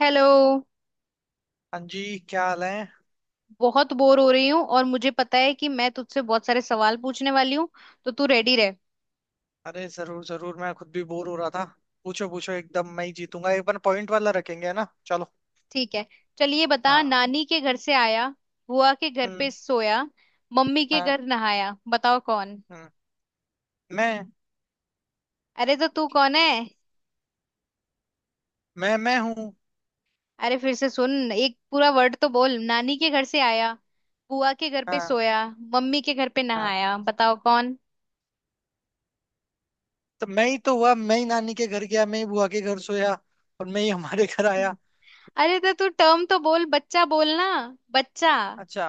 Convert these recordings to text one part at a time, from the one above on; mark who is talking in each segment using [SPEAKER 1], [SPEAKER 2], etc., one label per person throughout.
[SPEAKER 1] Hello.
[SPEAKER 2] हाँ जी क्या हाल है।
[SPEAKER 1] बहुत बोर हो रही हूँ और मुझे पता है कि मैं तुझसे बहुत सारे सवाल पूछने वाली हूँ, तो तू रेडी रह।
[SPEAKER 2] अरे जरूर जरूर, मैं खुद भी बोर हो रहा था। पूछो पूछो एकदम। मैं ही जीतूंगा, एक बार पॉइंट वाला रखेंगे, है ना, चलो।
[SPEAKER 1] ठीक है, चलिए बता।
[SPEAKER 2] हाँ।
[SPEAKER 1] नानी के घर से आया, बुआ के घर पे
[SPEAKER 2] हम्म।
[SPEAKER 1] सोया, मम्मी के
[SPEAKER 2] हाँ।
[SPEAKER 1] घर नहाया, बताओ कौन।
[SPEAKER 2] हम्म। मैं।
[SPEAKER 1] अरे तो तू कौन है?
[SPEAKER 2] मैं हूँ।
[SPEAKER 1] अरे फिर से सुन, एक पूरा वर्ड तो बोल। नानी के घर से आया, बुआ के घर पे
[SPEAKER 2] हाँ।
[SPEAKER 1] सोया, मम्मी के घर पे
[SPEAKER 2] हाँ,
[SPEAKER 1] नहाया, बताओ कौन।
[SPEAKER 2] तो मैं ही तो हुआ, मैं ही नानी के घर गया, मैं ही बुआ के घर सोया और मैं ही हमारे घर आया।
[SPEAKER 1] अरे तो तू टर्म तो बोल, बच्चा बोलना बच्चा।
[SPEAKER 2] अच्छा।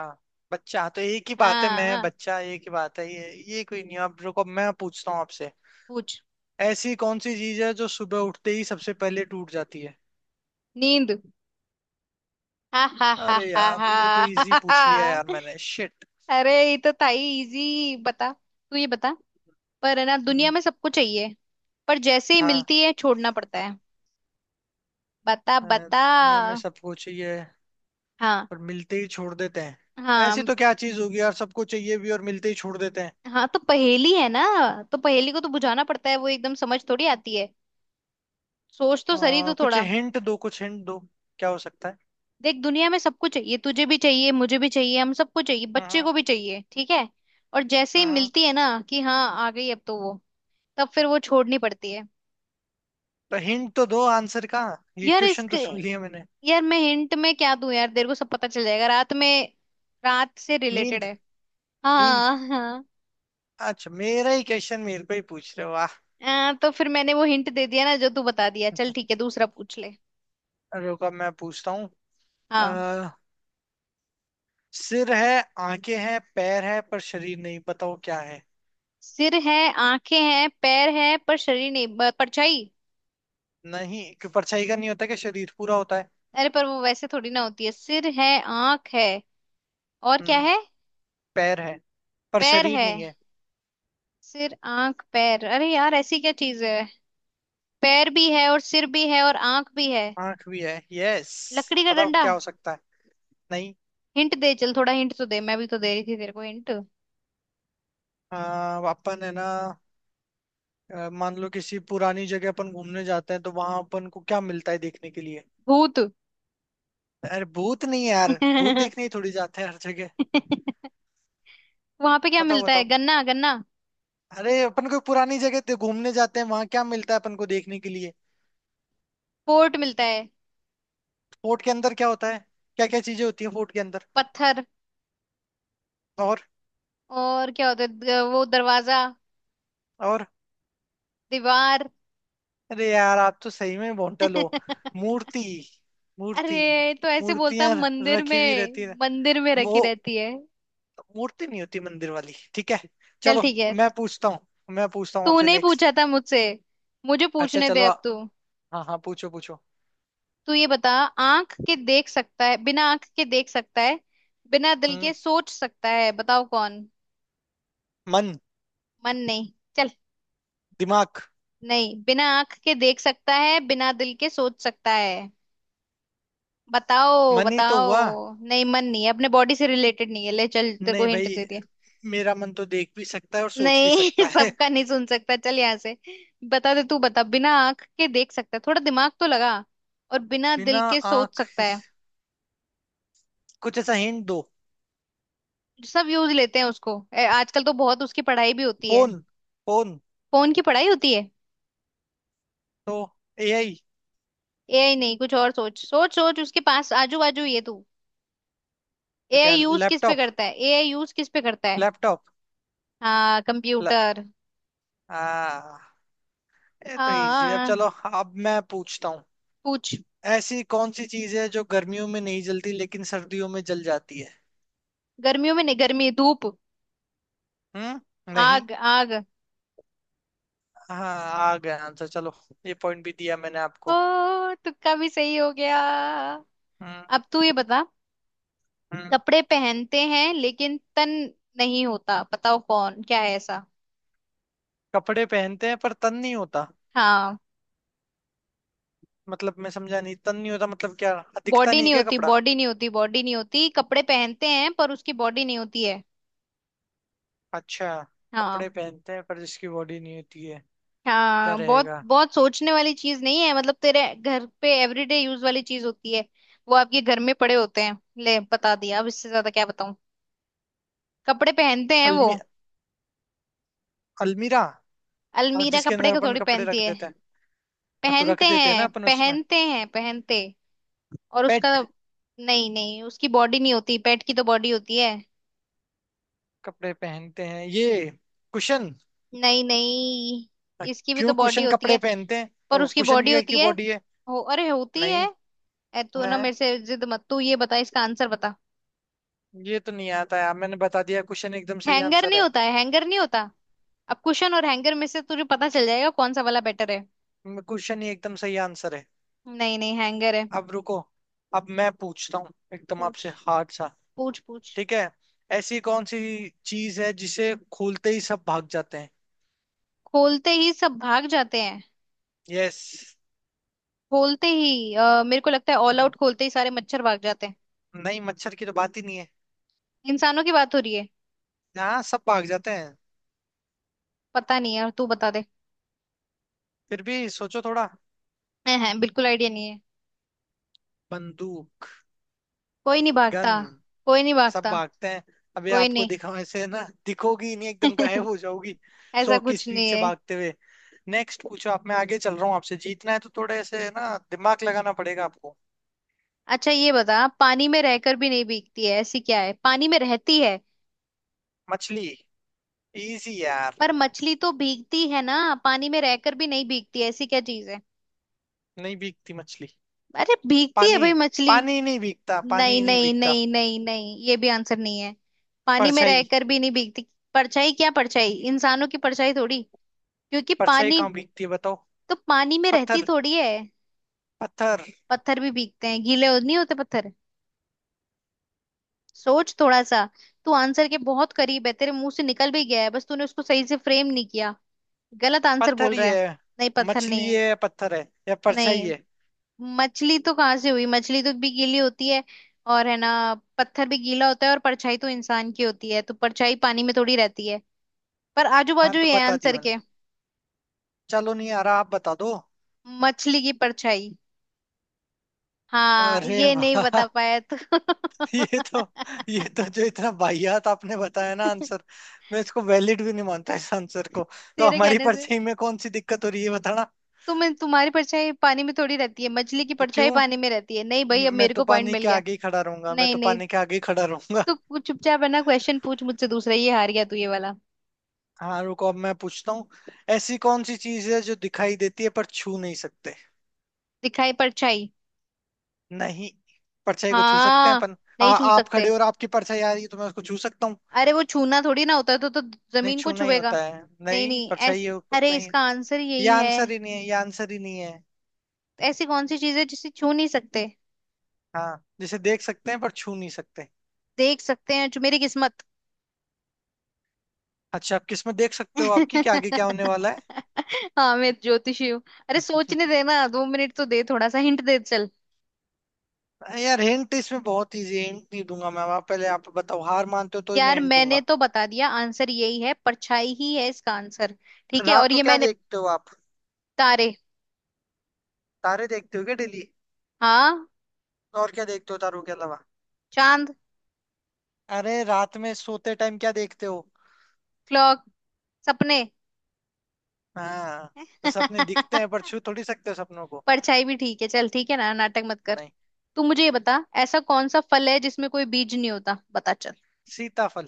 [SPEAKER 2] बच्चा तो एक ही बात है,
[SPEAKER 1] हाँ
[SPEAKER 2] मैं
[SPEAKER 1] हाँ,
[SPEAKER 2] बच्चा एक ही बात है। ये कोई नहीं। अब रुको, मैं पूछता हूँ आपसे।
[SPEAKER 1] पूछ।
[SPEAKER 2] ऐसी कौन सी चीज है जो सुबह उठते ही सबसे पहले टूट जाती है?
[SPEAKER 1] नींद। हा हा हा
[SPEAKER 2] अरे
[SPEAKER 1] हा
[SPEAKER 2] यार, ये तो इजी पूछ लिया
[SPEAKER 1] हा।
[SPEAKER 2] यार मैंने, शिट।
[SPEAKER 1] अरे ये तो था ही इजी, बता। तू ये बता, पर है ना दुनिया
[SPEAKER 2] हम्म,
[SPEAKER 1] में सबको चाहिए, पर जैसे ही
[SPEAKER 2] हाँ।
[SPEAKER 1] मिलती है छोड़ना पड़ता है। बता बता।
[SPEAKER 2] दुनिया में सबको चाहिए
[SPEAKER 1] हाँ।
[SPEAKER 2] पर मिलते ही छोड़ देते हैं।
[SPEAKER 1] हाँ,
[SPEAKER 2] ऐसी तो क्या चीज होगी यार, सबको चाहिए भी और मिलते ही छोड़ देते हैं।
[SPEAKER 1] हाँ तो पहेली है ना, तो पहेली को तो बुझाना पड़ता है, वो एकदम समझ थोड़ी आती है, सोच तो सही तो
[SPEAKER 2] कुछ
[SPEAKER 1] थोड़ा।
[SPEAKER 2] हिंट दो, कुछ हिंट दो। क्या हो सकता है?
[SPEAKER 1] देख, दुनिया में सबको चाहिए, तुझे भी चाहिए, मुझे भी चाहिए, हम सबको चाहिए, बच्चे
[SPEAKER 2] हम्म।
[SPEAKER 1] को भी चाहिए, ठीक है। और जैसे ही
[SPEAKER 2] हम्म।
[SPEAKER 1] मिलती है ना कि हाँ आ गई अब तो वो, तब फिर वो छोड़नी पड़ती है।
[SPEAKER 2] तो हिंट तो दो आंसर का। ये
[SPEAKER 1] यार
[SPEAKER 2] क्वेश्चन तो
[SPEAKER 1] इसके,
[SPEAKER 2] सुन लिया मैंने।
[SPEAKER 1] यार मैं हिंट में क्या दूं यार, तेरे को सब पता चल जाएगा रात में। रात से रिलेटेड
[SPEAKER 2] नींद।
[SPEAKER 1] है।
[SPEAKER 2] नींद।
[SPEAKER 1] हाँ हाँ।
[SPEAKER 2] अच्छा, मेरा ही क्वेश्चन मेरे को ही पूछ रहे हो, वाह।
[SPEAKER 1] तो फिर मैंने वो हिंट दे दिया ना, जो तू बता दिया। चल ठीक है, दूसरा पूछ ले।
[SPEAKER 2] रुको, अब मैं पूछता हूँ।
[SPEAKER 1] हाँ।
[SPEAKER 2] अ, सिर है, आंखें हैं, पैर है पर शरीर नहीं। बताओ क्या है?
[SPEAKER 1] सिर है, आंखें हैं, पैर है, पर शरीर नहीं। परछाई।
[SPEAKER 2] नहीं, क्यों? परछाई का नहीं होता क्या शरीर पूरा होता है?
[SPEAKER 1] अरे पर वो वैसे थोड़ी ना होती है, सिर है, आंख है, और क्या
[SPEAKER 2] हम्म,
[SPEAKER 1] है?
[SPEAKER 2] पैर है पर
[SPEAKER 1] पैर
[SPEAKER 2] शरीर
[SPEAKER 1] है,
[SPEAKER 2] नहीं है।
[SPEAKER 1] सिर, आंख, पैर, अरे यार ऐसी क्या चीज है? पैर भी है और सिर भी है और आंख भी है।
[SPEAKER 2] आंख भी है, यस।
[SPEAKER 1] लकड़ी का
[SPEAKER 2] बताओ
[SPEAKER 1] डंडा।
[SPEAKER 2] क्या हो सकता है? नहीं।
[SPEAKER 1] हिंट दे, चल थोड़ा हिंट तो दे, मैं भी तो दे रही थी तेरे को हिंट।
[SPEAKER 2] अपन है ना, मान लो किसी पुरानी जगह अपन घूमने जाते हैं तो वहां अपन को क्या मिलता है देखने के लिए?
[SPEAKER 1] भूत।
[SPEAKER 2] अरे भूत नहीं है यार, भूत देखने ही थोड़ी जाते हैं हर जगह।
[SPEAKER 1] वहां पे क्या
[SPEAKER 2] बताओ
[SPEAKER 1] मिलता है?
[SPEAKER 2] बताओ।
[SPEAKER 1] गन्ना गन्ना।
[SPEAKER 2] अरे अपन को पुरानी जगह पे घूमने जाते हैं, वहां क्या मिलता है अपन को देखने के लिए?
[SPEAKER 1] पोर्ट मिलता है।
[SPEAKER 2] फोर्ट के अंदर क्या होता है? क्या क्या चीजें होती है फोर्ट के अंदर?
[SPEAKER 1] पत्थर।
[SPEAKER 2] और।
[SPEAKER 1] और क्या होता है, वो दरवाजा।
[SPEAKER 2] और।
[SPEAKER 1] दीवार।
[SPEAKER 2] अरे यार, आप तो सही में बोंटल हो। मूर्ति। मूर्ति।
[SPEAKER 1] अरे तो ऐसे बोलता,
[SPEAKER 2] मूर्तियां
[SPEAKER 1] मंदिर
[SPEAKER 2] रखी हुई
[SPEAKER 1] में।
[SPEAKER 2] रहती है।
[SPEAKER 1] मंदिर में रखी
[SPEAKER 2] वो
[SPEAKER 1] रहती है।
[SPEAKER 2] मूर्ति नहीं होती मंदिर वाली, ठीक है,
[SPEAKER 1] चल
[SPEAKER 2] चलो।
[SPEAKER 1] ठीक है।
[SPEAKER 2] मैं पूछता हूँ। मैं पूछता हूँ आपसे
[SPEAKER 1] तूने ही
[SPEAKER 2] नेक्स्ट।
[SPEAKER 1] पूछा था मुझसे, मुझे
[SPEAKER 2] अच्छा
[SPEAKER 1] पूछने
[SPEAKER 2] चलो।
[SPEAKER 1] दे अब तू।
[SPEAKER 2] हाँ हाँ, पूछो पूछो।
[SPEAKER 1] तू ये बता, आंख के देख सकता है, बिना आंख के देख सकता है, बिना दिल
[SPEAKER 2] हम्म।
[SPEAKER 1] के सोच सकता है, बताओ कौन।
[SPEAKER 2] मन।
[SPEAKER 1] मन नहीं, चल।
[SPEAKER 2] दिमाग।
[SPEAKER 1] नहीं, बिना आंख के देख सकता है, बिना दिल के सोच सकता है, बताओ
[SPEAKER 2] मन ही तो
[SPEAKER 1] बताओ।
[SPEAKER 2] हुआ।
[SPEAKER 1] नहीं मन नहीं है, अपने बॉडी से रिलेटेड नहीं है, ले चल, तेरे को
[SPEAKER 2] नहीं
[SPEAKER 1] हिंट
[SPEAKER 2] भाई,
[SPEAKER 1] दे दिया।
[SPEAKER 2] मेरा मन तो देख भी सकता है और सोच भी
[SPEAKER 1] नहीं
[SPEAKER 2] सकता है।
[SPEAKER 1] सबका नहीं सुन सकता, चल यहाँ से। बता दे, तू बता, बिना आंख के देख सकता है, थोड़ा दिमाग तो लगा, और बिना दिल
[SPEAKER 2] बिना
[SPEAKER 1] के सोच
[SPEAKER 2] आंख,
[SPEAKER 1] सकता है।
[SPEAKER 2] कुछ ऐसा हिंट दो।
[SPEAKER 1] सब यूज लेते हैं उसको, आजकल तो बहुत उसकी पढ़ाई भी होती है।
[SPEAKER 2] फोन। फोन।
[SPEAKER 1] फोन की पढ़ाई होती है?
[SPEAKER 2] तो एआई।
[SPEAKER 1] एआई नहीं, कुछ और सोच सोच सोच, उसके पास आजू बाजू ये तू।
[SPEAKER 2] तो
[SPEAKER 1] एआई
[SPEAKER 2] क्या,
[SPEAKER 1] यूज किस पे
[SPEAKER 2] लैपटॉप।
[SPEAKER 1] करता है? एआई यूज किस पे करता है?
[SPEAKER 2] लैपटॉप।
[SPEAKER 1] हाँ
[SPEAKER 2] ल,
[SPEAKER 1] कंप्यूटर।
[SPEAKER 2] आ, ये तो इजी है, अब
[SPEAKER 1] हाँ,
[SPEAKER 2] चलो। अब मैं पूछता हूँ।
[SPEAKER 1] पूछ।
[SPEAKER 2] ऐसी कौन सी चीज है जो गर्मियों में नहीं जलती लेकिन सर्दियों में जल जाती है?
[SPEAKER 1] गर्मियों में नहीं, गर्मी, धूप।
[SPEAKER 2] हम्म, नहीं।
[SPEAKER 1] आग आग।
[SPEAKER 2] हाँ, आ गया आंसर, चलो। ये पॉइंट भी दिया मैंने आपको।
[SPEAKER 1] ओ तुक्का भी सही हो गया।
[SPEAKER 2] हम्म।
[SPEAKER 1] अब तू ये बता,
[SPEAKER 2] हम्म।
[SPEAKER 1] कपड़े पहनते हैं लेकिन तन नहीं होता, बताओ कौन, क्या है ऐसा।
[SPEAKER 2] कपड़े पहनते हैं पर तन नहीं होता?
[SPEAKER 1] हाँ।
[SPEAKER 2] मतलब मैं समझा नहीं, तन नहीं होता मतलब क्या? दिखता
[SPEAKER 1] बॉडी
[SPEAKER 2] नहीं
[SPEAKER 1] नहीं
[SPEAKER 2] क्या
[SPEAKER 1] होती,
[SPEAKER 2] कपड़ा?
[SPEAKER 1] बॉडी नहीं होती, बॉडी नहीं होती, कपड़े पहनते हैं पर उसकी बॉडी नहीं होती है।
[SPEAKER 2] अच्छा।
[SPEAKER 1] हाँ।
[SPEAKER 2] कपड़े पहनते हैं पर जिसकी बॉडी नहीं होती है? क्या
[SPEAKER 1] हाँ, बहुत
[SPEAKER 2] रहेगा?
[SPEAKER 1] बहुत सोचने वाली चीज नहीं है, मतलब तेरे घर पे एवरीडे यूज वाली चीज होती है। वो आपके घर में पड़े होते हैं, ले बता दिया, अब इससे ज्यादा क्या बताऊं, कपड़े पहनते हैं वो।
[SPEAKER 2] अलमी अलमीरा। और
[SPEAKER 1] अलमीरा
[SPEAKER 2] जिसके
[SPEAKER 1] कपड़े
[SPEAKER 2] अंदर
[SPEAKER 1] को
[SPEAKER 2] अपन
[SPEAKER 1] थोड़ी
[SPEAKER 2] कपड़े
[SPEAKER 1] पहनती
[SPEAKER 2] रख
[SPEAKER 1] है।
[SPEAKER 2] देते हैं? हाँ, तो रख
[SPEAKER 1] पहनते
[SPEAKER 2] देते हैं ना
[SPEAKER 1] हैं,
[SPEAKER 2] अपन उसमें।
[SPEAKER 1] पहनते हैं, पहनते। और
[SPEAKER 2] पेट।
[SPEAKER 1] उसका। नहीं नहीं, उसकी बॉडी नहीं होती, पेट की तो बॉडी होती है।
[SPEAKER 2] कपड़े पहनते हैं ये। कुशन।
[SPEAKER 1] नहीं नहीं, इसकी भी
[SPEAKER 2] क्यों
[SPEAKER 1] तो बॉडी
[SPEAKER 2] कुशन
[SPEAKER 1] होती
[SPEAKER 2] कपड़े
[SPEAKER 1] है।
[SPEAKER 2] पहनते हैं।
[SPEAKER 1] पर उसकी
[SPEAKER 2] कुशन
[SPEAKER 1] बॉडी
[SPEAKER 2] की
[SPEAKER 1] होती है,
[SPEAKER 2] बॉडी है।
[SPEAKER 1] हो अरे होती है।
[SPEAKER 2] नहीं
[SPEAKER 1] तू ना
[SPEAKER 2] नहीं,
[SPEAKER 1] मेरे से जिद मत, तू ये बता इसका आंसर बता।
[SPEAKER 2] ये तो नहीं आता यार, मैंने बता दिया कुशन एकदम सही
[SPEAKER 1] हैंगर,
[SPEAKER 2] आंसर
[SPEAKER 1] नहीं
[SPEAKER 2] है।
[SPEAKER 1] होता है हैंगर, नहीं होता। अब कुशन और हैंगर में से तुझे पता चल जाएगा कौन सा वाला बेटर है।
[SPEAKER 2] कुशन ही एकदम सही आंसर है।
[SPEAKER 1] नहीं नहीं हैंगर है।
[SPEAKER 2] अब रुको, अब मैं पूछता हूँ एकदम
[SPEAKER 1] पूछ
[SPEAKER 2] आपसे हार्ड सा।
[SPEAKER 1] पूछ पूछ।
[SPEAKER 2] ठीक है। ऐसी कौन सी चीज है जिसे खोलते ही सब भाग जाते हैं?
[SPEAKER 1] खोलते ही सब भाग जाते हैं?
[SPEAKER 2] यस।
[SPEAKER 1] खोलते ही मेरे को लगता है ऑल
[SPEAKER 2] हम्म,
[SPEAKER 1] आउट खोलते ही सारे मच्छर भाग जाते हैं।
[SPEAKER 2] नहीं, मच्छर की तो बात ही नहीं है।
[SPEAKER 1] इंसानों की बात हो रही है?
[SPEAKER 2] हाँ, सब भाग जाते हैं।
[SPEAKER 1] पता नहीं है, और तू बता दे।
[SPEAKER 2] फिर भी सोचो थोड़ा।
[SPEAKER 1] है बिल्कुल आइडिया नहीं है।
[SPEAKER 2] बंदूक।
[SPEAKER 1] कोई नहीं
[SPEAKER 2] गन।
[SPEAKER 1] भागता। कोई नहीं
[SPEAKER 2] सब
[SPEAKER 1] भागता।
[SPEAKER 2] भागते हैं। अभी
[SPEAKER 1] कोई
[SPEAKER 2] आपको
[SPEAKER 1] नहीं।
[SPEAKER 2] दिखाओ ऐसे ना, दिखोगी ही नहीं, एकदम गायब हो जाओगी
[SPEAKER 1] ऐसा
[SPEAKER 2] 100 की
[SPEAKER 1] कुछ
[SPEAKER 2] स्पीड
[SPEAKER 1] नहीं
[SPEAKER 2] से
[SPEAKER 1] है।
[SPEAKER 2] भागते हुए। नेक्स्ट पूछो आप, मैं आगे चल रहा हूँ आपसे, जीतना है तो थोड़ा ऐसे ना दिमाग लगाना पड़ेगा आपको।
[SPEAKER 1] अच्छा ये बता, पानी में रहकर भी नहीं भीगती है, ऐसी क्या है, पानी में रहती है।
[SPEAKER 2] मछली। इजी यार।
[SPEAKER 1] पर मछली तो भीगती है ना, पानी में रहकर भी नहीं भीगती ऐसी क्या चीज है?
[SPEAKER 2] नहीं भीगती मछली।
[SPEAKER 1] अरे भीगती है
[SPEAKER 2] पानी।
[SPEAKER 1] भाई मछली।
[SPEAKER 2] पानी नहीं भीगता, पानी
[SPEAKER 1] नहीं
[SPEAKER 2] नहीं
[SPEAKER 1] नहीं
[SPEAKER 2] भीगता।
[SPEAKER 1] नहीं नहीं नहीं, ये भी आंसर नहीं है, पानी में
[SPEAKER 2] परछाई।
[SPEAKER 1] रहकर भी नहीं भीगती। परछाई क्या, परछाई इंसानों की परछाई थोड़ी, क्योंकि
[SPEAKER 2] परछाई
[SPEAKER 1] पानी
[SPEAKER 2] कहाँ भीगती है बताओ।
[SPEAKER 1] तो पानी में रहती
[SPEAKER 2] पत्थर।
[SPEAKER 1] थोड़ी है।
[SPEAKER 2] पत्थर।
[SPEAKER 1] पत्थर भी भीगते हैं, नहीं होते पत्थर। सोच थोड़ा सा, तू आंसर के बहुत करीब है, तेरे मुंह से निकल भी गया है, बस तूने उसको सही से फ्रेम नहीं किया, गलत आंसर बोल
[SPEAKER 2] पत्थर ही
[SPEAKER 1] रहा है।
[SPEAKER 2] है।
[SPEAKER 1] नहीं पत्थर नहीं
[SPEAKER 2] मछली
[SPEAKER 1] है।
[SPEAKER 2] है, पत्थर है या परछाई
[SPEAKER 1] नहीं,
[SPEAKER 2] है?
[SPEAKER 1] मछली तो कहाँ से हुई, मछली तो भी गीली होती है, और है ना, पत्थर भी गीला होता है, और परछाई तो इंसान की होती है तो परछाई पानी में थोड़ी रहती है, पर आजू
[SPEAKER 2] हाँ,
[SPEAKER 1] बाजू
[SPEAKER 2] तो
[SPEAKER 1] ही है
[SPEAKER 2] बता दिया
[SPEAKER 1] आंसर
[SPEAKER 2] मैंने।
[SPEAKER 1] के।
[SPEAKER 2] चलो नहीं आ रहा, आप बता दो।
[SPEAKER 1] मछली की परछाई। हाँ
[SPEAKER 2] अरे
[SPEAKER 1] ये नहीं बता
[SPEAKER 2] वाह।
[SPEAKER 1] पाया तू।
[SPEAKER 2] ये तो, ये तो जो इतना बाहियात आपने बताया ना आंसर, मैं इसको वैलिड भी नहीं मानता इस आंसर को। तो
[SPEAKER 1] तेरे
[SPEAKER 2] हमारी
[SPEAKER 1] कहने से।
[SPEAKER 2] परछाई में कौन सी दिक्कत हो रही है बताना।
[SPEAKER 1] तो मैं तुम्हारी परछाई पानी में थोड़ी रहती है, मछली की
[SPEAKER 2] तो
[SPEAKER 1] परछाई
[SPEAKER 2] क्यों?
[SPEAKER 1] पानी में रहती है, नहीं भाई, अब
[SPEAKER 2] मैं
[SPEAKER 1] मेरे
[SPEAKER 2] तो
[SPEAKER 1] को पॉइंट
[SPEAKER 2] पानी
[SPEAKER 1] मिल
[SPEAKER 2] के
[SPEAKER 1] गया।
[SPEAKER 2] आगे ही खड़ा रहूंगा, मैं
[SPEAKER 1] नहीं
[SPEAKER 2] तो
[SPEAKER 1] नहीं,
[SPEAKER 2] पानी के आगे ही खड़ा रहूंगा।
[SPEAKER 1] तू कुछ चुपचाप है ना, क्वेश्चन पूछ मुझसे दूसरा, ये हार गया तू ये वाला।
[SPEAKER 2] हाँ, रुको अब मैं पूछता हूँ। ऐसी कौन सी चीज है जो दिखाई देती है पर छू नहीं सकते?
[SPEAKER 1] दिखाई परछाई।
[SPEAKER 2] नहीं, परछाई को छू सकते हैं
[SPEAKER 1] हाँ।
[SPEAKER 2] अपन।
[SPEAKER 1] नहीं छू
[SPEAKER 2] आप
[SPEAKER 1] सकते।
[SPEAKER 2] खड़े हो और आपकी परछाई आ रही है तो मैं उसको छू सकता हूँ।
[SPEAKER 1] अरे वो छूना थोड़ी ना होता है तो
[SPEAKER 2] नहीं,
[SPEAKER 1] जमीन को
[SPEAKER 2] छूना ही
[SPEAKER 1] छुएगा।
[SPEAKER 2] होता है।
[SPEAKER 1] नहीं नहीं ऐसी, अरे
[SPEAKER 2] नहीं,
[SPEAKER 1] इसका आंसर
[SPEAKER 2] ये
[SPEAKER 1] यही है।
[SPEAKER 2] आंसर ही नहीं है, ये आंसर ही नहीं है।
[SPEAKER 1] ऐसी कौन सी चीज है जिसे छू नहीं सकते?
[SPEAKER 2] हाँ, जिसे देख सकते हैं पर छू नहीं सकते।
[SPEAKER 1] देख सकते हैं जो मेरी किस्मत।
[SPEAKER 2] अच्छा, आप किसमें देख सकते हो आपकी क्या आगे क्या होने वाला है?
[SPEAKER 1] हाँ मैं ज्योतिषी हूँ। अरे सोचने देना, 2 मिनट तो दे, थोड़ा सा हिंट दे चल।
[SPEAKER 2] यार हिंट इसमें बहुत इजी है, हिंट नहीं दूंगा मैं। आप पहले, आप बताओ हार मानते हो तो ही मैं
[SPEAKER 1] यार
[SPEAKER 2] हिंट
[SPEAKER 1] मैंने
[SPEAKER 2] दूंगा।
[SPEAKER 1] तो बता दिया, आंसर यही है, परछाई ही है इसका आंसर। ठीक है,
[SPEAKER 2] रात
[SPEAKER 1] और
[SPEAKER 2] को
[SPEAKER 1] ये
[SPEAKER 2] क्या
[SPEAKER 1] मैंने।
[SPEAKER 2] देखते हो आप?
[SPEAKER 1] तारे।
[SPEAKER 2] तारे देखते हो क्या डेली?
[SPEAKER 1] हाँ।
[SPEAKER 2] और क्या देखते हो तारों के अलावा?
[SPEAKER 1] चांद।
[SPEAKER 2] अरे रात में सोते टाइम क्या देखते हो?
[SPEAKER 1] क्लॉक। सपने।
[SPEAKER 2] हाँ, तो सपने दिखते हैं पर छू थोड़ी सकते हो सपनों को।
[SPEAKER 1] परछाई भी ठीक है, चल ठीक है ना, नाटक मत कर।
[SPEAKER 2] नहीं।
[SPEAKER 1] तू मुझे ये बता, ऐसा कौन सा फल है जिसमें कोई बीज नहीं होता, बता चल।
[SPEAKER 2] सीताफल।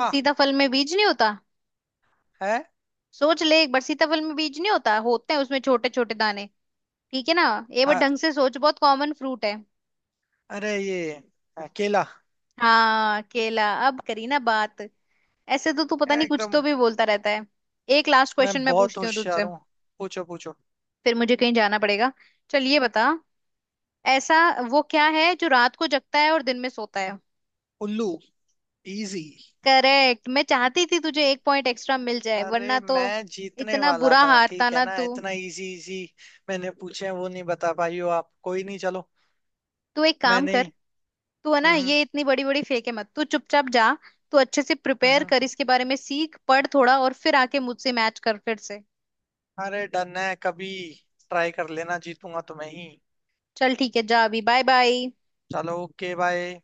[SPEAKER 2] हाँ।
[SPEAKER 1] सीताफल में बीज नहीं होता?
[SPEAKER 2] है।
[SPEAKER 1] सोच ले एक बार, सीताफल में बीज नहीं होता, होते हैं उसमें छोटे छोटे दाने, ठीक है ना, ये बार
[SPEAKER 2] आ,
[SPEAKER 1] ढंग से सोच, बहुत कॉमन फ्रूट है।
[SPEAKER 2] अरे ये, केला।
[SPEAKER 1] हाँ केला, अब करी ना बात, ऐसे तो तू पता नहीं कुछ
[SPEAKER 2] एकदम।
[SPEAKER 1] तो भी बोलता रहता है। एक लास्ट
[SPEAKER 2] मैं
[SPEAKER 1] क्वेश्चन मैं
[SPEAKER 2] बहुत
[SPEAKER 1] पूछती हूँ तुझसे,
[SPEAKER 2] होशियार हूँ। पूछो पूछो।
[SPEAKER 1] फिर मुझे कहीं जाना पड़ेगा, चल ये बता, ऐसा वो क्या है जो रात को जगता है और दिन में सोता है?
[SPEAKER 2] उल्लू। इजी।
[SPEAKER 1] करेक्ट, मैं चाहती थी तुझे एक पॉइंट एक्स्ट्रा मिल जाए,
[SPEAKER 2] अरे
[SPEAKER 1] वरना तो
[SPEAKER 2] मैं जीतने
[SPEAKER 1] इतना
[SPEAKER 2] वाला
[SPEAKER 1] बुरा
[SPEAKER 2] था,
[SPEAKER 1] हारता
[SPEAKER 2] ठीक है
[SPEAKER 1] ना
[SPEAKER 2] ना,
[SPEAKER 1] तू।
[SPEAKER 2] इतना इजी इजी मैंने पूछे हैं, वो नहीं बता पाई हो आप, कोई नहीं, चलो।
[SPEAKER 1] तू एक
[SPEAKER 2] मैं
[SPEAKER 1] काम कर,
[SPEAKER 2] नहीं।
[SPEAKER 1] तू है ना
[SPEAKER 2] हम्म।
[SPEAKER 1] ये इतनी बड़ी बड़ी फेंके मत, तू चुपचाप जा, तू अच्छे से
[SPEAKER 2] हम्म।
[SPEAKER 1] प्रिपेयर
[SPEAKER 2] हम्म।
[SPEAKER 1] कर इसके बारे में, सीख पढ़ थोड़ा और फिर आके मुझसे मैच कर फिर से।
[SPEAKER 2] अरे डन है, कभी ट्राई कर लेना, जीतूंगा तुम्हें ही।
[SPEAKER 1] चल ठीक है, जा अभी, बाय बाय।
[SPEAKER 2] चलो, ओके, बाय।